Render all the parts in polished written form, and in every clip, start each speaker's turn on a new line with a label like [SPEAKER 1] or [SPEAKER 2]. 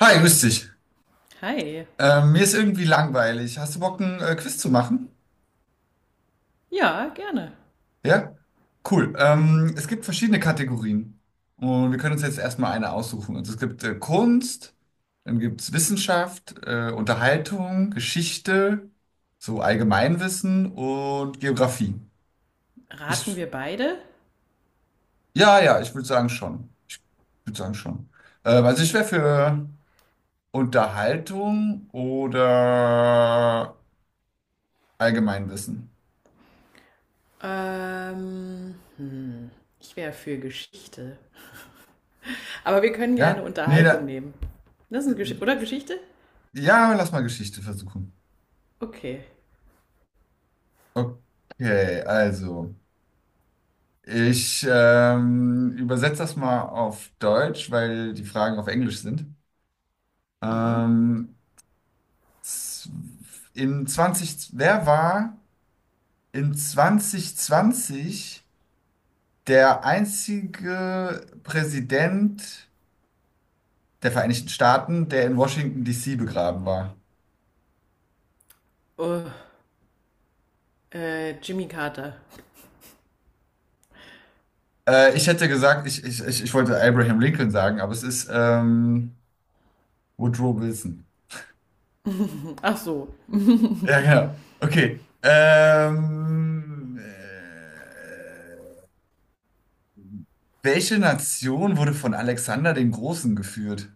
[SPEAKER 1] Hi, grüß dich.
[SPEAKER 2] Hi.
[SPEAKER 1] Mir ist irgendwie langweilig. Hast du Bock, ein Quiz zu machen?
[SPEAKER 2] Ja, gerne.
[SPEAKER 1] Ja? Cool. Es gibt verschiedene Kategorien. Und wir können uns jetzt erstmal eine aussuchen. Also es gibt Kunst, dann gibt es Wissenschaft, Unterhaltung, Geschichte, so Allgemeinwissen und Geografie.
[SPEAKER 2] Raten
[SPEAKER 1] Ich,
[SPEAKER 2] wir beide?
[SPEAKER 1] ja, ja, ich würde sagen schon. Ich würde sagen schon. Also ich wäre für Unterhaltung oder Allgemeinwissen.
[SPEAKER 2] Ähm, hm, Ich wäre für Geschichte. Aber wir können gerne
[SPEAKER 1] Ja? Nee,
[SPEAKER 2] Unterhaltung
[SPEAKER 1] da.
[SPEAKER 2] nehmen. Das ist eine Geschichte, oder Geschichte?
[SPEAKER 1] Ja, lass mal Geschichte versuchen.
[SPEAKER 2] Okay.
[SPEAKER 1] Okay, also. Ich übersetze das mal auf Deutsch, weil die Fragen auf Englisch sind.
[SPEAKER 2] Mhm.
[SPEAKER 1] Ähm, z- in 20, Wer war in 2020 der einzige Präsident der Vereinigten Staaten, der in Washington, D.C. begraben war?
[SPEAKER 2] Oh, Jimmy Carter.
[SPEAKER 1] Ich hätte gesagt, ich wollte Abraham Lincoln sagen, aber es ist Woodrow Wilson.
[SPEAKER 2] Ach so.
[SPEAKER 1] Ja, genau. Okay. Welche Nation wurde von Alexander dem Großen geführt?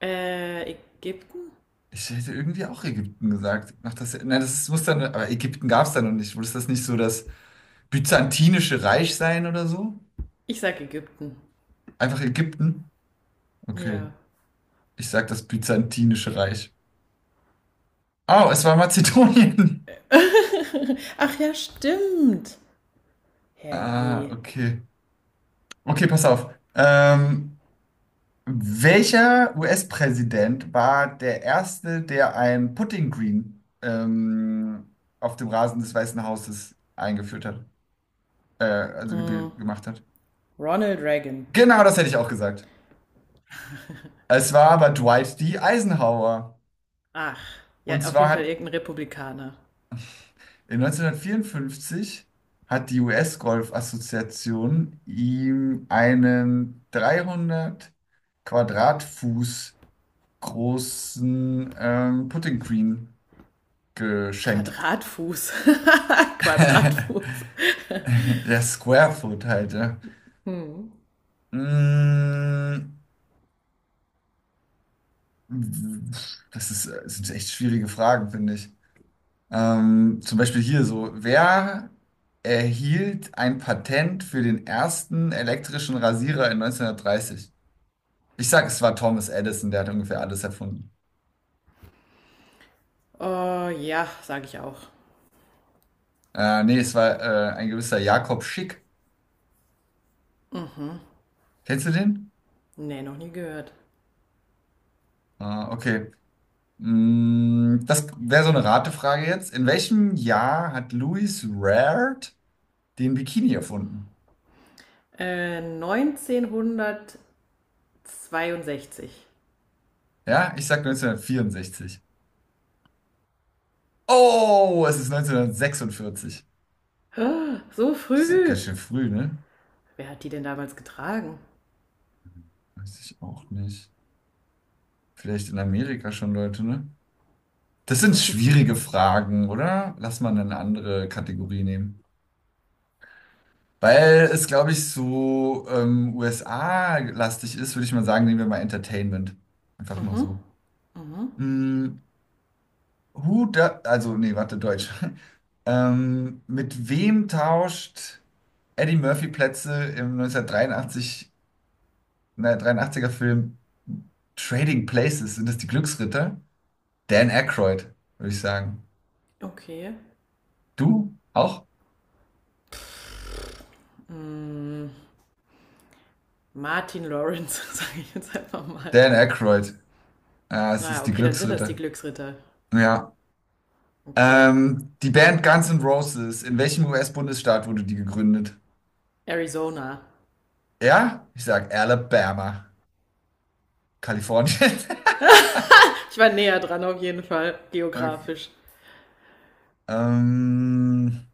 [SPEAKER 2] Ägypten?
[SPEAKER 1] Ich hätte irgendwie auch Ägypten gesagt. Ach, das, nein, das muss dann, aber Ägypten gab es da noch nicht. Muss das nicht so das Byzantinische Reich sein oder so?
[SPEAKER 2] Ich sag Ägypten.
[SPEAKER 1] Einfach Ägypten? Okay.
[SPEAKER 2] Ja.
[SPEAKER 1] Ich sag das Byzantinische Reich. Oh, es war Mazedonien.
[SPEAKER 2] Ach ja, stimmt.
[SPEAKER 1] Ah,
[SPEAKER 2] Herrje.
[SPEAKER 1] okay. Okay, pass auf. Ähm, Welcher US-Präsident war der erste, der ein Putting Green auf dem Rasen des Weißen Hauses eingeführt hat, also gemacht hat?
[SPEAKER 2] Ronald Reagan.
[SPEAKER 1] Genau, das hätte ich auch gesagt. Es war aber Dwight D. Eisenhower.
[SPEAKER 2] Ach,
[SPEAKER 1] Und
[SPEAKER 2] ja, auf
[SPEAKER 1] zwar
[SPEAKER 2] jeden Fall
[SPEAKER 1] hat
[SPEAKER 2] irgendein Republikaner.
[SPEAKER 1] in 1954 hat die US-Golf-Assoziation ihm einen 300 Quadratfuß großen Putting Green geschenkt.
[SPEAKER 2] Quadratfuß. Quadratfuß.
[SPEAKER 1] Ja, Square Foot halt, ja.
[SPEAKER 2] Hm.
[SPEAKER 1] Mm, Das ist, das sind echt schwierige Fragen, finde ich. Zum Beispiel hier so, wer erhielt ein Patent für den ersten elektrischen Rasierer in 1930? Ich sag, es war Thomas Edison, der hat ungefähr alles erfunden.
[SPEAKER 2] Oh ja, sage ich auch.
[SPEAKER 1] Nee, es war ein gewisser Jakob Schick. Kennst du den?
[SPEAKER 2] Nee, noch nie gehört.
[SPEAKER 1] Ah, okay. Das wäre so eine Ratefrage jetzt. In welchem Jahr hat Louis Rared den Bikini erfunden?
[SPEAKER 2] 1962.
[SPEAKER 1] Ja, ich sag 1964. Oh, es ist 1946.
[SPEAKER 2] Ah, so
[SPEAKER 1] Das ist ganz
[SPEAKER 2] früh.
[SPEAKER 1] schön früh, ne?
[SPEAKER 2] Wer hat die denn damals getragen?
[SPEAKER 1] Weiß ich auch nicht. Vielleicht in Amerika schon Leute, ne? Das sind schwierige Fragen, oder? Lass mal eine andere Kategorie nehmen. Weil es, glaube ich, so USA-lastig ist, würde ich mal sagen, nehmen wir mal Entertainment. Einfach mal
[SPEAKER 2] Mhm.
[SPEAKER 1] so.
[SPEAKER 2] Mhm.
[SPEAKER 1] Mm, Who da, also, nee, warte, Deutsch. Mit wem tauscht Eddie Murphy Plätze im 1983, ne, 83er Film Trading Places, sind das die Glücksritter? Dan Aykroyd, würde ich sagen.
[SPEAKER 2] Okay.
[SPEAKER 1] Du auch?
[SPEAKER 2] Martin Lawrence, sage ich jetzt einfach mal.
[SPEAKER 1] Dan Aykroyd. Ah, es
[SPEAKER 2] Naja,
[SPEAKER 1] ist die
[SPEAKER 2] okay, dann sind das die
[SPEAKER 1] Glücksritter.
[SPEAKER 2] Glücksritter.
[SPEAKER 1] Ja.
[SPEAKER 2] Okay.
[SPEAKER 1] Die Band Guns N' Roses, in welchem US-Bundesstaat wurde die gegründet?
[SPEAKER 2] Arizona.
[SPEAKER 1] Ja, ich sag Alabama, Kalifornien.
[SPEAKER 2] Ich war näher dran auf jeden Fall,
[SPEAKER 1] Okay.
[SPEAKER 2] geografisch.
[SPEAKER 1] Ähm,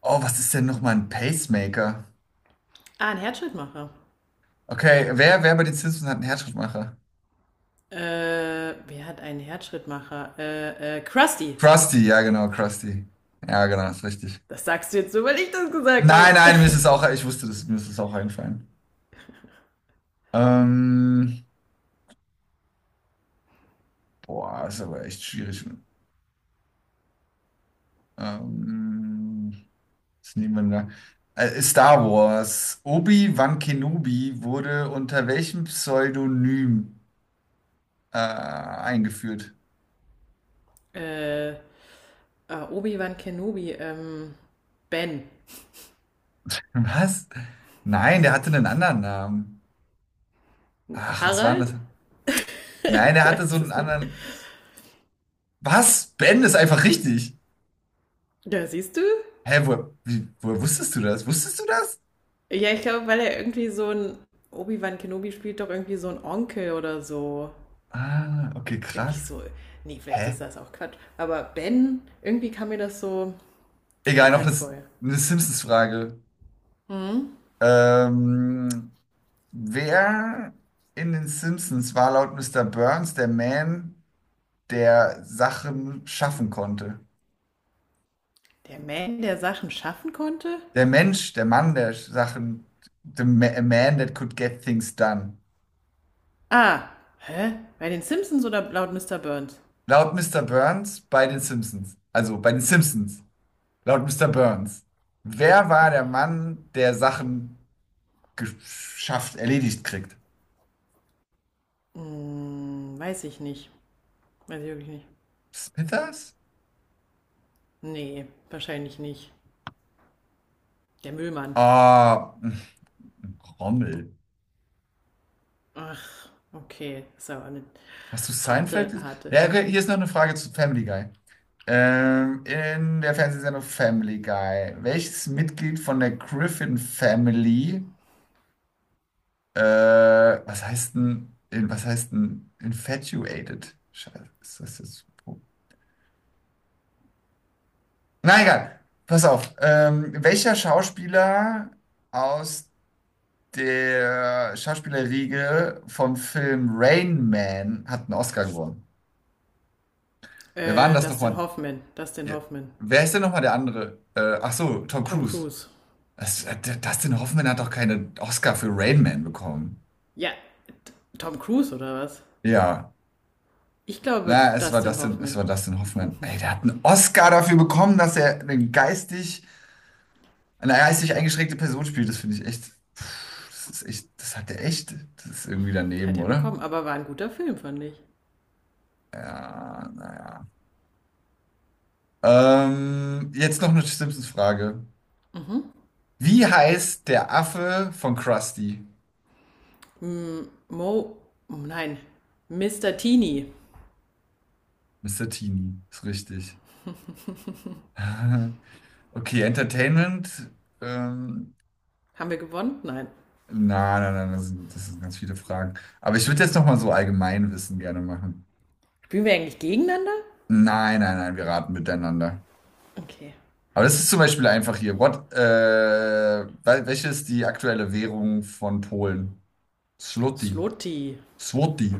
[SPEAKER 1] oh, was ist denn nochmal ein Pacemaker?
[SPEAKER 2] Ah, ein Herzschrittmacher.
[SPEAKER 1] Okay, wer bei den Simpsons hat einen Herzschrittmacher?
[SPEAKER 2] Wer hat einen Herzschrittmacher? Krusty.
[SPEAKER 1] Krusty. Ja, genau, ist richtig.
[SPEAKER 2] Das sagst du jetzt so, weil ich das gesagt
[SPEAKER 1] Nein,
[SPEAKER 2] habe.
[SPEAKER 1] nein, mir ist es auch, ich wusste das, mir ist es auch eingefallen. Ähm, Boah, ist aber echt schwierig. Ähm, Was nehmen wir denn da? Star Wars. Obi-Wan Kenobi wurde unter welchem Pseudonym eingeführt?
[SPEAKER 2] äh, Obi-Wan Kenobi, Ben.
[SPEAKER 1] Was? Nein, der hatte einen anderen Namen. Ach, was war denn
[SPEAKER 2] Harald?
[SPEAKER 1] das? Nein,
[SPEAKER 2] Ich
[SPEAKER 1] der hatte so
[SPEAKER 2] weiß
[SPEAKER 1] einen
[SPEAKER 2] es nicht.
[SPEAKER 1] anderen. Was? Ben ist einfach richtig.
[SPEAKER 2] Ja, siehst du?
[SPEAKER 1] Hä, wo, wie, woher wusstest du das? Wusstest du das?
[SPEAKER 2] Ja, ich glaube, weil er irgendwie so ein. Obi-Wan Kenobi spielt doch irgendwie so ein Onkel oder so.
[SPEAKER 1] Ah, okay,
[SPEAKER 2] Irgendwie
[SPEAKER 1] krass.
[SPEAKER 2] so. Nee, vielleicht ist
[SPEAKER 1] Hä?
[SPEAKER 2] das auch Quatsch. Aber Ben, irgendwie kam mir das so
[SPEAKER 1] Egal, noch
[SPEAKER 2] bekannt
[SPEAKER 1] das,
[SPEAKER 2] vor.
[SPEAKER 1] eine Simpsons-Frage. Ähm, Wer in den Simpsons war laut Mr. Burns der Man, der Sachen schaffen konnte?
[SPEAKER 2] Der Man, der Sachen schaffen konnte?
[SPEAKER 1] Der Mensch, der Mann, der Sachen, a man that could get things done.
[SPEAKER 2] Ah, hä? Bei den Simpsons oder laut Mr. Burns?
[SPEAKER 1] Laut Mr. Burns bei den Simpsons. Also bei den Simpsons. Laut Mr. Burns. Wer war der Mann, der Sachen geschafft, erledigt kriegt?
[SPEAKER 2] Hm, weiß ich nicht. Weiß ich wirklich nicht.
[SPEAKER 1] Smithers?
[SPEAKER 2] Nee, wahrscheinlich nicht. Der Müllmann.
[SPEAKER 1] Ah, Rommel.
[SPEAKER 2] Ach, okay. Ist aber eine
[SPEAKER 1] Hast du Seinfeld
[SPEAKER 2] harte,
[SPEAKER 1] gesehen?
[SPEAKER 2] harte.
[SPEAKER 1] Ja, okay, hier ist noch eine Frage zu Family Guy. In der Fernsehsendung Family Guy, welches Mitglied von der Griffin Family, was heißt denn, was heißt denn infatuated? Scheiße, ist das jetzt so? Na egal, pass auf. Welcher Schauspieler aus der Schauspielerriege vom Film Rain Man hat einen Oscar gewonnen? Wer war denn das
[SPEAKER 2] Dustin
[SPEAKER 1] nochmal?
[SPEAKER 2] Hoffman. Dustin
[SPEAKER 1] Ja.
[SPEAKER 2] Hoffman.
[SPEAKER 1] Wer ist denn nochmal der andere? Ach so, Tom
[SPEAKER 2] Tom
[SPEAKER 1] Cruise.
[SPEAKER 2] Cruise.
[SPEAKER 1] Dustin Hoffman hat doch keinen Oscar für Rain Man bekommen.
[SPEAKER 2] Ja, T- Tom Cruise oder was?
[SPEAKER 1] Ja,
[SPEAKER 2] Ich glaube,
[SPEAKER 1] na,
[SPEAKER 2] Dustin
[SPEAKER 1] Es
[SPEAKER 2] Hoffman
[SPEAKER 1] war Dustin Hoffman. Ey, der hat einen Oscar dafür bekommen, dass er eine geistig, eingeschränkte Person spielt. Das finde ich echt, pff, das ist echt, das hat er echt, das ist irgendwie daneben,
[SPEAKER 2] hat er
[SPEAKER 1] oder?
[SPEAKER 2] bekommen, aber war ein guter Film, fand ich.
[SPEAKER 1] Ja, naja. Jetzt noch eine Simpsons-Frage. Wie heißt der Affe von Krusty?
[SPEAKER 2] Mo, oh nein, Mr. Teeny.
[SPEAKER 1] Mr. Teeny, ist richtig. Okay, Entertainment. Ähm,
[SPEAKER 2] Haben wir gewonnen? Nein.
[SPEAKER 1] na, na, na, das sind ganz viele Fragen. Aber ich würde jetzt nochmal so Allgemeinwissen gerne machen.
[SPEAKER 2] Spielen wir eigentlich gegeneinander?
[SPEAKER 1] Nein, nein, nein, wir raten miteinander.
[SPEAKER 2] Okay.
[SPEAKER 1] Aber das ist zum Beispiel einfach hier. Welche ist die aktuelle Währung von Polen? Zloty.
[SPEAKER 2] Slotti.
[SPEAKER 1] Zloty.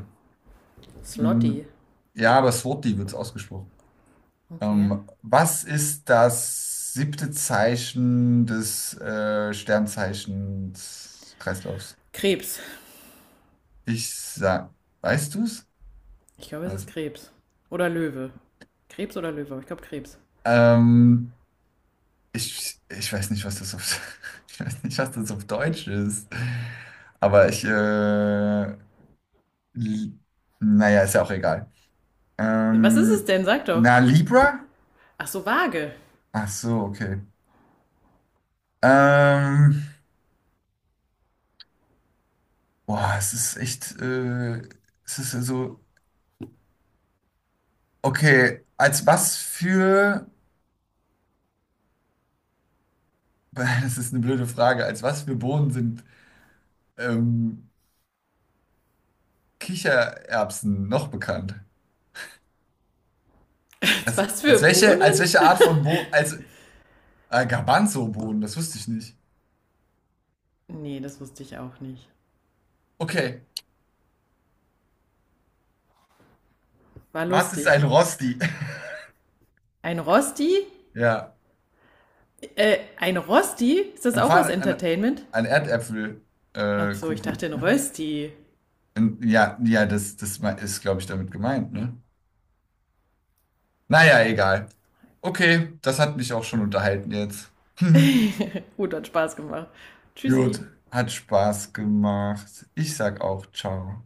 [SPEAKER 2] Slotti.
[SPEAKER 1] Mhm. Ja, aber Zloty wird es ausgesprochen.
[SPEAKER 2] Okay.
[SPEAKER 1] Was ist das siebte Zeichen des Sternzeichens Kreislaufs?
[SPEAKER 2] Krebs.
[SPEAKER 1] Ich sag, weißt du's?
[SPEAKER 2] Ich glaube, es ist
[SPEAKER 1] Also,
[SPEAKER 2] Krebs. Oder Löwe. Krebs oder Löwe, aber ich glaube Krebs.
[SPEAKER 1] ähm, ich weiß nicht, was das auf, ich weiß nicht, was das auf Deutsch ist. Aber ich, li- naja, ist ja auch egal.
[SPEAKER 2] Was ist es
[SPEAKER 1] Ähm,
[SPEAKER 2] denn? Sag doch.
[SPEAKER 1] na, Libra?
[SPEAKER 2] Ach so, Waage.
[SPEAKER 1] Ach so, okay. Ähm, Boah, es ist echt, es ist ja so, okay, als was für, das ist eine blöde Frage, als was für Bohnen sind, ähm, Kichererbsen noch bekannt? Als,
[SPEAKER 2] Was
[SPEAKER 1] als
[SPEAKER 2] für
[SPEAKER 1] welche,
[SPEAKER 2] Bohnen?
[SPEAKER 1] als welche Art von Bo, als Garbanzo-Boden, das wusste ich nicht.
[SPEAKER 2] Nee, das wusste ich auch nicht.
[SPEAKER 1] Okay,
[SPEAKER 2] War
[SPEAKER 1] was ist ein
[SPEAKER 2] lustig.
[SPEAKER 1] Rosti?
[SPEAKER 2] Ein Rosti?
[SPEAKER 1] Ja,
[SPEAKER 2] Ein Rosti? Ist das
[SPEAKER 1] ein,
[SPEAKER 2] auch aus
[SPEAKER 1] Pfann, ein,
[SPEAKER 2] Entertainment?
[SPEAKER 1] ein Erdäpfelkuchen.
[SPEAKER 2] Ach so, ich dachte ein
[SPEAKER 1] Kuchen.
[SPEAKER 2] Rösti.
[SPEAKER 1] Ja, ja, das ist, glaube ich, damit gemeint, ne? Naja, egal. Okay, das hat mich auch schon unterhalten jetzt.
[SPEAKER 2] Gut, hat Spaß gemacht.
[SPEAKER 1] Gut,
[SPEAKER 2] Tschüssi.
[SPEAKER 1] hat Spaß gemacht. Ich sag auch ciao.